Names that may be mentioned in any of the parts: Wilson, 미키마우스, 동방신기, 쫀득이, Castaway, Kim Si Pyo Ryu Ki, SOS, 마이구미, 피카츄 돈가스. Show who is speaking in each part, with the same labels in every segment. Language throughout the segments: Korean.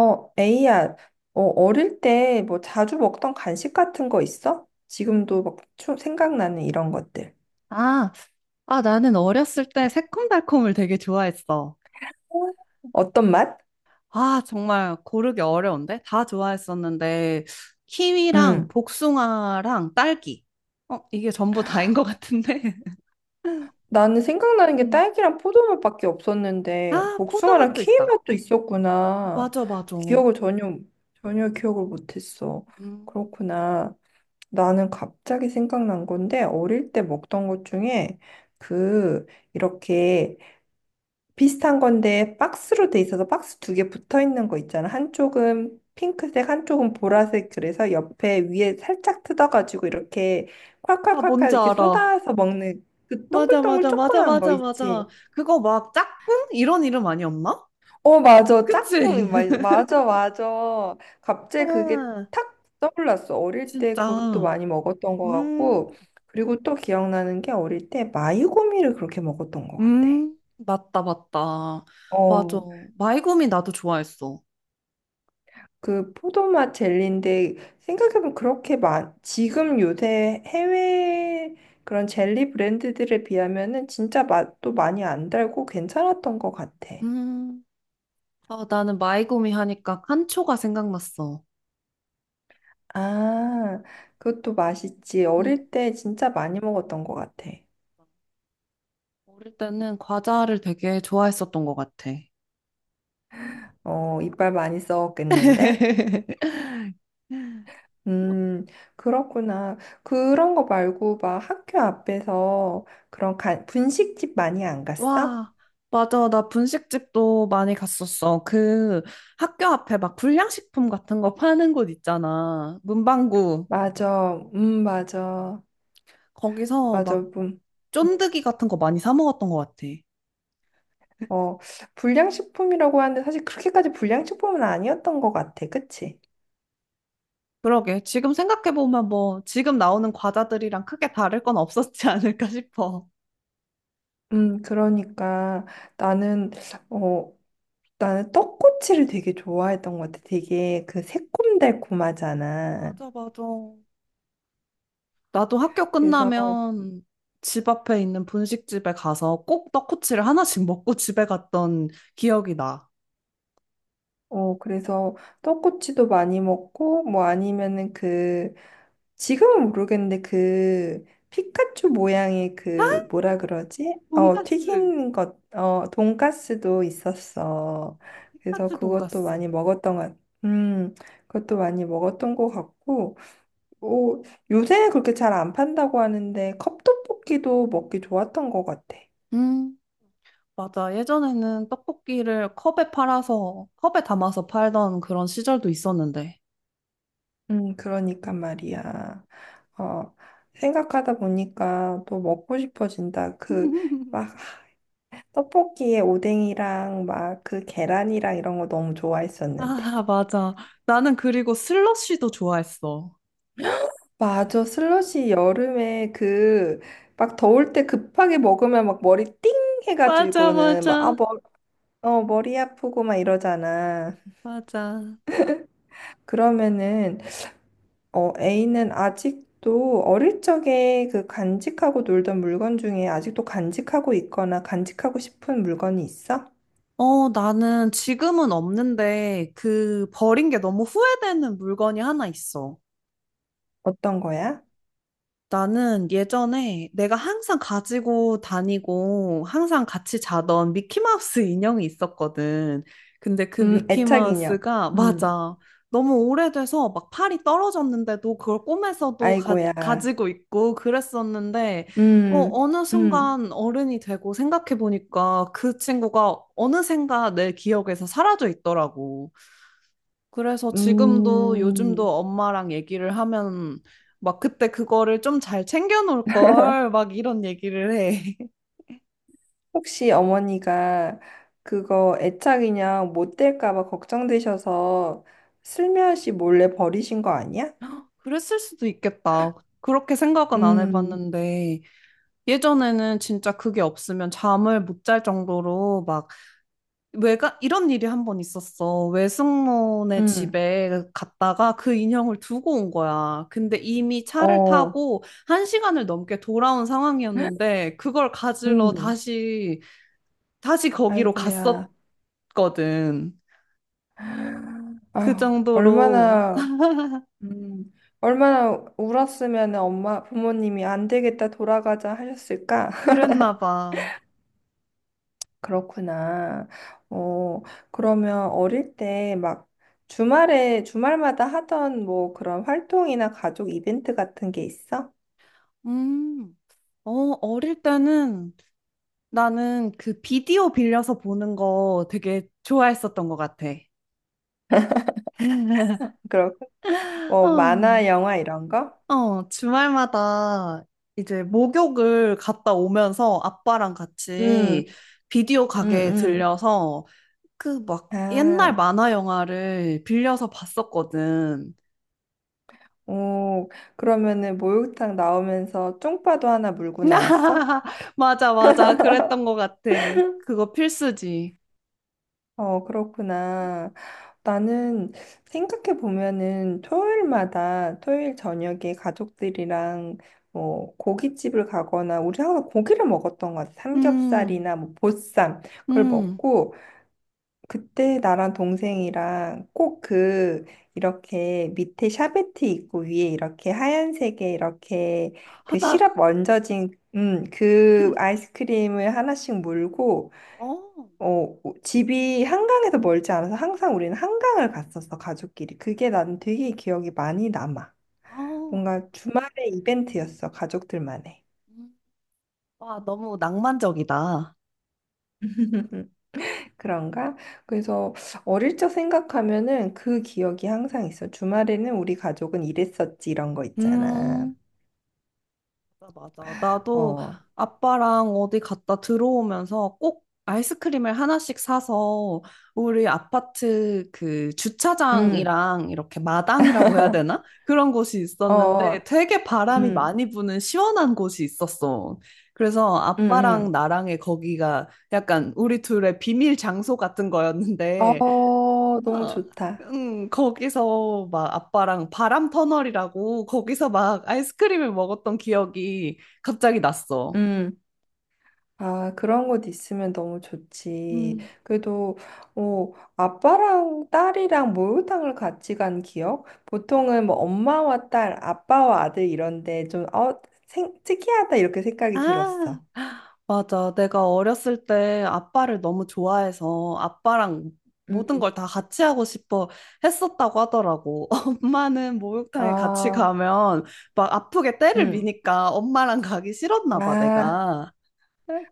Speaker 1: 에이야, 어릴 때 뭐 자주 먹던 간식 같은 거 있어? 지금도 막 생각나는 이런 것들.
Speaker 2: 아, 나는 어렸을 때 새콤달콤을 되게 좋아했어.
Speaker 1: 어떤 맛?
Speaker 2: 아, 정말 고르기 어려운데? 다 좋아했었는데, 키위랑
Speaker 1: 음.
Speaker 2: 복숭아랑 딸기. 어, 이게 전부 다인 것 같은데.
Speaker 1: 나는 생각나는 게
Speaker 2: 음.
Speaker 1: 딸기랑 포도맛밖에 없었는데
Speaker 2: 아,
Speaker 1: 복숭아랑
Speaker 2: 포도맛도
Speaker 1: 키위
Speaker 2: 있다.
Speaker 1: 맛도 있었구나.
Speaker 2: 맞아, 맞아.
Speaker 1: 기억을 전혀 전혀 기억을 못했어.
Speaker 2: 음.
Speaker 1: 그렇구나. 나는 갑자기 생각난 건데 어릴 때 먹던 것 중에 그 이렇게 비슷한 건데 박스로 돼 있어서 박스 두 개 붙어 있는 거 있잖아. 한쪽은 핑크색, 한쪽은
Speaker 2: 어,
Speaker 1: 보라색. 그래서 옆에 위에 살짝 뜯어가지고 이렇게
Speaker 2: 나
Speaker 1: 콸콸콸콸
Speaker 2: 뭔지
Speaker 1: 이렇게
Speaker 2: 알아.
Speaker 1: 쏟아서 먹는 그
Speaker 2: 맞아,
Speaker 1: 동글동글
Speaker 2: 맞아, 맞아,
Speaker 1: 조그만 거
Speaker 2: 맞아, 맞아.
Speaker 1: 있지.
Speaker 2: 그거 막 짝꿍? 이런 이름 아니었나?
Speaker 1: 어, 맞아.
Speaker 2: 그치?
Speaker 1: 짝꿍. 맞아, 맞아. 갑자기 그게
Speaker 2: 아,
Speaker 1: 탁 떠올랐어. 어릴 때 그것도
Speaker 2: 진짜.
Speaker 1: 많이 먹었던 것 같고.
Speaker 2: 음.
Speaker 1: 그리고 또 기억나는 게 어릴 때 마이고미를 그렇게 먹었던 것 같아.
Speaker 2: 맞다, 맞다. 맞아.
Speaker 1: 어.
Speaker 2: 마이구미 나도 좋아했어.
Speaker 1: 그 포도맛 젤리인데 생각해보면 그렇게 많 지금 요새 해외 그런 젤리 브랜드들에 비하면은 진짜 맛도 많이 안 달고 괜찮았던 것 같아.
Speaker 2: 음, 나는 마이구미 하니까 칸초가 생각났어.
Speaker 1: 아, 그것도 맛있지.
Speaker 2: 음,
Speaker 1: 어릴 때 진짜 많이 먹었던 것 같아.
Speaker 2: 어릴 때는 과자를 되게 좋아했었던 것 같아.
Speaker 1: 어, 이빨 많이 썩었겠는데? 음, 그렇구나. 그런 거 말고 막 학교 앞에서 그런 간 분식집 많이 안 갔어?
Speaker 2: 와, 맞아. 나 분식집도 많이 갔었어. 그 학교 앞에 막 불량식품 같은 거 파는 곳 있잖아. 문방구.
Speaker 1: 맞아. 맞아.
Speaker 2: 거기서
Speaker 1: 맞아.
Speaker 2: 막
Speaker 1: 음.
Speaker 2: 쫀득이 같은 거 많이 사 먹었던 것 같아.
Speaker 1: 어, 불량식품이라고 하는데 사실 그렇게까지 불량식품은 아니었던 것 같아. 그치?
Speaker 2: 그러게. 지금 생각해보면 뭐, 지금 나오는 과자들이랑 크게 다를 건 없었지 않을까 싶어.
Speaker 1: 그러니까 나는, 어, 나는 떡꼬치를 되게 좋아했던 것 같아. 되게 그 새콤달콤하잖아.
Speaker 2: 맞아, 맞아. 나도 학교
Speaker 1: 그래서,
Speaker 2: 끝나면 집 앞에 있는 분식집에 가서 꼭 떡꼬치를 하나씩 먹고 집에 갔던 기억이 나.
Speaker 1: 그래서 떡꼬치도 많이 먹고, 뭐 아니면은 그, 지금은 모르겠는데 그 피카츄 모양의 그 뭐라 그러지? 어,
Speaker 2: 돈가스.
Speaker 1: 튀긴 것, 어, 돈가스도 있었어.
Speaker 2: 맞아,
Speaker 1: 그래서
Speaker 2: 피카츄
Speaker 1: 그것도
Speaker 2: 돈가스.
Speaker 1: 많이 먹었던 것, 음, 그것도 많이 먹었던 것 같고, 오, 요새는 그렇게 잘 안 판다고 하는데 컵떡볶이도 먹기 좋았던 것 같아.
Speaker 2: 음, 맞아. 예전에는 떡볶이를 컵에 팔아서, 컵에 담아서 팔던 그런 시절도 있었는데.
Speaker 1: 그러니까 말이야. 어, 생각하다 보니까 또 먹고 싶어진다. 그 막 떡볶이에 오뎅이랑 막 그 계란이랑 이런 거 너무 좋아했었는데.
Speaker 2: 아, 맞아. 나는 그리고 슬러시도 좋아했어.
Speaker 1: 맞아. 슬러시 여름에 그 막 더울 때 급하게 먹으면 막 머리 띵
Speaker 2: 맞아,
Speaker 1: 해가지고는 막 아,
Speaker 2: 맞아,
Speaker 1: 머, 어, 머리 아프고 막 이러잖아.
Speaker 2: 맞아.
Speaker 1: 그러면은 어, A는 아직도 어릴 적에 그 간직하고 놀던 물건 중에 아직도 간직하고 있거나 간직하고 싶은 물건이 있어?
Speaker 2: 어, 나는 지금은 없는데 그 버린 게 너무 후회되는 물건이 하나 있어.
Speaker 1: 어떤 거야?
Speaker 2: 나는 예전에 내가 항상 가지고 다니고 항상 같이 자던 미키마우스 인형이 있었거든. 근데 그
Speaker 1: 애착 인형.
Speaker 2: 미키마우스가,
Speaker 1: 음.
Speaker 2: 맞아. 너무 오래돼서 막 팔이 떨어졌는데도 그걸 꿈에서도 가,
Speaker 1: 아이고야.
Speaker 2: 가지고 있고 그랬었는데, 어,
Speaker 1: 음,
Speaker 2: 어느
Speaker 1: 음,
Speaker 2: 순간 어른이 되고 생각해보니까 그 친구가 어느샌가 내 기억에서 사라져 있더라고. 그래서 지금도 요즘도
Speaker 1: 음.
Speaker 2: 엄마랑 얘기를 하면 막 그때 그거를 좀 잘 챙겨 놓을 걸 막 이런 얘기를 해.
Speaker 1: 혹시 어머니가 그거 애착인형 못 될까 봐 걱정되셔서 슬며시 몰래 버리신 거 아니야?
Speaker 2: 그랬을 수도 있겠다. 그렇게 생각은 안
Speaker 1: 음,
Speaker 2: 해봤는데 예전에는 진짜 그게 없으면 잠을 못 잘 정도로 막 외가 이런 일이 한 번 있었어. 외숙모네
Speaker 1: 음,
Speaker 2: 집에 갔다가 그 인형을 두고 온 거야. 근데 이미 차를
Speaker 1: 어,
Speaker 2: 타고 한 시간을 넘게 돌아온 상황이었는데 그걸 가지러
Speaker 1: 음.
Speaker 2: 다시 거기로
Speaker 1: 아이고야.
Speaker 2: 갔었거든.
Speaker 1: 아유,
Speaker 2: 그 정도로
Speaker 1: 얼마나, 음, 얼마나 울었으면 엄마, 부모님이 안 되겠다 돌아가자 하셨을까?
Speaker 2: 그랬나 봐.
Speaker 1: 그렇구나. 어, 그러면 어릴 때 막 주말에, 주말마다 하던 뭐 그런 활동이나 가족 이벤트 같은 게 있어?
Speaker 2: 음, 어, 어릴 때는 나는 그 비디오 빌려서 보는 거 되게 좋아했었던 것 같아.
Speaker 1: 그런, 뭐
Speaker 2: 어,
Speaker 1: 만화, 영화 이런 거?
Speaker 2: 주말마다 이제 목욕을 갔다 오면서 아빠랑 같이
Speaker 1: 응,
Speaker 2: 비디오 가게에
Speaker 1: 응,
Speaker 2: 들려서 그 막
Speaker 1: 응.
Speaker 2: 옛날
Speaker 1: 아,
Speaker 2: 만화 영화를 빌려서 봤었거든.
Speaker 1: 오, 그러면은 목욕탕 나오면서 쫑파도 하나 물고 나왔어?
Speaker 2: 맞아, 맞아. 그랬던 것 같아. 그거 필수지.
Speaker 1: 어, 그렇구나. 나는 생각해 보면은 토요일마다 토요일 저녁에 가족들이랑 뭐 고깃집을 가거나 우리 항상 고기를 먹었던 것 같아.
Speaker 2: 음,
Speaker 1: 삼겹살이나 뭐 보쌈 그걸
Speaker 2: 음.
Speaker 1: 먹고 그때 나랑 동생이랑 꼭 그 이렇게 밑에 샤베트 있고 위에 이렇게 하얀색에 이렇게
Speaker 2: 아,
Speaker 1: 그
Speaker 2: 나,
Speaker 1: 시럽 얹어진 그 아이스크림을 하나씩 물고
Speaker 2: 어,
Speaker 1: 어, 집이 한강에서 멀지 않아서 항상 우리는 한강을 갔었어, 가족끼리. 그게 난 되게 기억이 많이 남아.
Speaker 2: 어.
Speaker 1: 뭔가 주말에 이벤트였어, 가족들만의.
Speaker 2: 음. 와, 너무 낭만적이다.
Speaker 1: 그런가? 그래서 어릴 적 생각하면은 그 기억이 항상 있어. 주말에는 우리 가족은 이랬었지, 이런 거 있잖아.
Speaker 2: 음. 맞아, 맞아. 나도
Speaker 1: 어,
Speaker 2: 아빠랑 어디 갔다 들어오면서 꼭 아이스크림을 하나씩 사서 우리 아파트 그
Speaker 1: 음,
Speaker 2: 주차장이랑 이렇게 마당이라고 해야 되나? 그런 곳이 있었는데
Speaker 1: 어,
Speaker 2: 되게 바람이
Speaker 1: 음,
Speaker 2: 많이 부는 시원한 곳이 있었어. 그래서
Speaker 1: 음,
Speaker 2: 아빠랑
Speaker 1: 음.
Speaker 2: 나랑의 거기가 약간 우리 둘의 비밀 장소 같은 거였는데
Speaker 1: 어, 너무
Speaker 2: 어,
Speaker 1: 좋다.
Speaker 2: 거기서 막 아빠랑 바람 터널이라고 거기서 막 아이스크림을 먹었던 기억이 갑자기 났어.
Speaker 1: 응. 아, 그런 곳 있으면 너무 좋지.
Speaker 2: 음.
Speaker 1: 그래도, 어, 아빠랑 딸이랑 목욕탕을 같이 간 기억? 보통은 뭐 엄마와 딸, 아빠와 아들 이런데 좀, 어, 생, 특이하다 이렇게 생각이
Speaker 2: 아,
Speaker 1: 들었어.
Speaker 2: 맞아. 내가 어렸을 때 아빠를 너무 좋아해서 아빠랑 모든
Speaker 1: 음.
Speaker 2: 걸 다 같이 하고 싶어 했었다고 하더라고. 엄마는 목욕탕에 같이
Speaker 1: 아,
Speaker 2: 가면 막 아프게 때를
Speaker 1: 음.
Speaker 2: 미니까 엄마랑 가기 싫었나 봐,
Speaker 1: 아,
Speaker 2: 내가.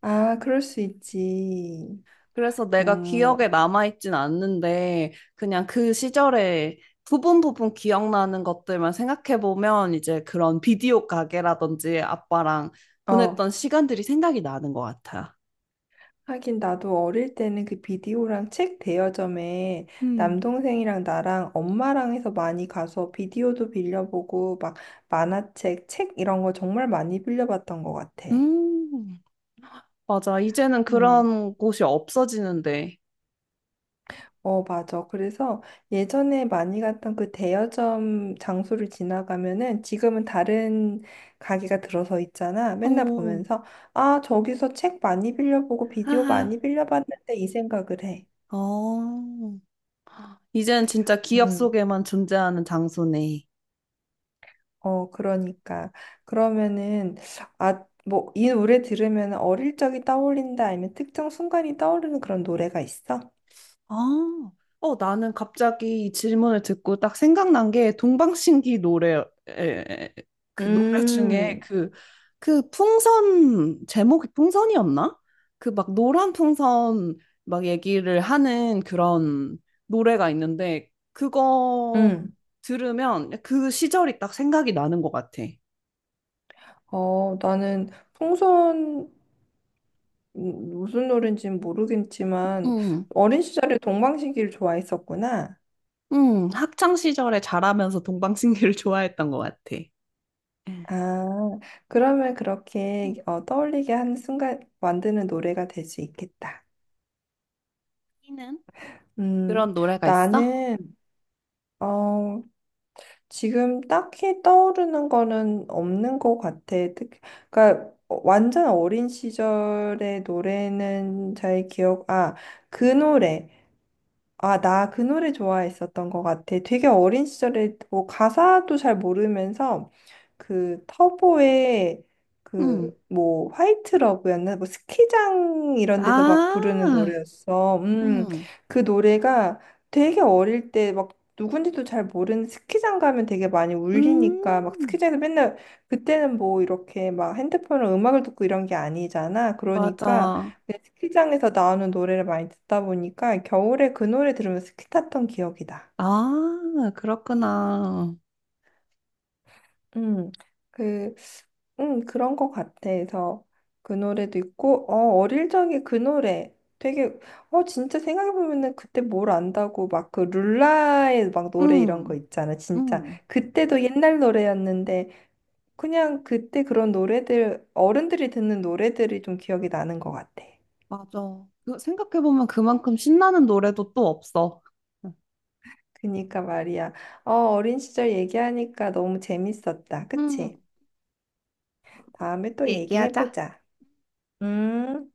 Speaker 1: 아, 그럴 수 있지.
Speaker 2: 그래서 내가
Speaker 1: 음,
Speaker 2: 기억에 남아있진 않는데, 그냥 그 시절에 부분 부분 기억나는 것들만 생각해보면, 이제 그런 비디오 가게라든지 아빠랑
Speaker 1: 어.
Speaker 2: 보냈던 시간들이 생각이 나는 것 같아.
Speaker 1: 하긴 나도 어릴 때는 그 비디오랑 책 대여점에
Speaker 2: 음.
Speaker 1: 남동생이랑 나랑 엄마랑 해서 많이 가서 비디오도 빌려보고 막 만화책, 책 이런 거 정말 많이 빌려봤던 것 같아.
Speaker 2: 음, 맞아. 이제는
Speaker 1: 음,
Speaker 2: 그런 곳이 없어지는데.
Speaker 1: 어, 맞아. 그래서 예전에 많이 갔던 그 대여점 장소를 지나가면은 지금은 다른 가게가 들어서 있잖아. 맨날
Speaker 2: 어,
Speaker 1: 보면서 아, 저기서 책 많이 빌려보고 비디오
Speaker 2: 하하.
Speaker 1: 많이 빌려봤는데 이 생각을 해.
Speaker 2: 어, 이제는 진짜 기억
Speaker 1: 음.
Speaker 2: 속에만 존재하는 장소네.
Speaker 1: 어, 그러니까. 그러면은, 아, 뭐, 이 노래 들으면 어릴 적이 떠올린다, 아니면 특정 순간이 떠오르는 그런 노래가 있어?
Speaker 2: 아, 나는 갑자기 이 질문을 듣고 딱 생각난 게 동방신기 노래, 그 노래 중에
Speaker 1: 음,
Speaker 2: 그 풍선, 제목이 풍선이었나? 그 막 노란 풍선 막 얘기를 하는 그런 노래가 있는데, 그거
Speaker 1: 응.
Speaker 2: 들으면 그 시절이 딱 생각이 나는 것 같아.
Speaker 1: 어, 나는 풍선, 무슨 노래인지는 모르겠지만,
Speaker 2: 응,
Speaker 1: 어린 시절에 동방신기를 좋아했었구나.
Speaker 2: 응, 학창 시절에 자라면서 동방신기를 좋아했던 것 같아.
Speaker 1: 아, 그러면 그렇게 어, 떠올리게 하는 순간 만드는 노래가 될 수 있겠다.
Speaker 2: 음.
Speaker 1: 음,
Speaker 2: 그런 노래가 있어?
Speaker 1: 나는, 어, 지금 딱히 떠오르는 거는 없는 것 같아. 특, 그러니까 어, 완전 어린 시절의 노래는 잘 기억, 아, 그 노래. 아, 나 그 노래 좋아했었던 것 같아. 되게 어린 시절에 뭐 가사도 잘 모르면서 그 터보의
Speaker 2: 응,
Speaker 1: 그 뭐 화이트 러브였나? 뭐 스키장 이런 데서 막 부르는
Speaker 2: 아,
Speaker 1: 노래였어.
Speaker 2: 응,
Speaker 1: 그 노래가 되게 어릴 때 막 누군지도 잘 모르는 스키장 가면 되게 많이 울리니까 막
Speaker 2: 음,
Speaker 1: 스키장에서 맨날 그때는 뭐 이렇게 막 핸드폰으로 음악을 듣고 이런 게 아니잖아. 그러니까
Speaker 2: 맞아.
Speaker 1: 네, 스키장에서 나오는 노래를 많이 듣다 보니까 겨울에 그 노래 들으면서 스키 탔던 기억이다.
Speaker 2: 아, 그렇구나.
Speaker 1: 음, 그, 그런 것 같아. 그래서 그 노래도 있고, 어, 어릴 적에 그 노래 되게, 어, 진짜 생각해보면은 그때 뭘 안다고 막 그 룰라의 막 노래 이런 거
Speaker 2: 응,
Speaker 1: 있잖아. 진짜.
Speaker 2: 응,
Speaker 1: 그때도 옛날 노래였는데, 그냥 그때 그런 노래들, 어른들이 듣는 노래들이 좀 기억이 나는 것 같아.
Speaker 2: 맞아. 생각해보면 그만큼 신나는 노래도 또 없어.
Speaker 1: 그니까 말이야. 어, 어린 시절 얘기하니까 너무 재밌었다.
Speaker 2: 응,
Speaker 1: 그치? 다음에 또
Speaker 2: 얘기하자.
Speaker 1: 얘기해보자. 음.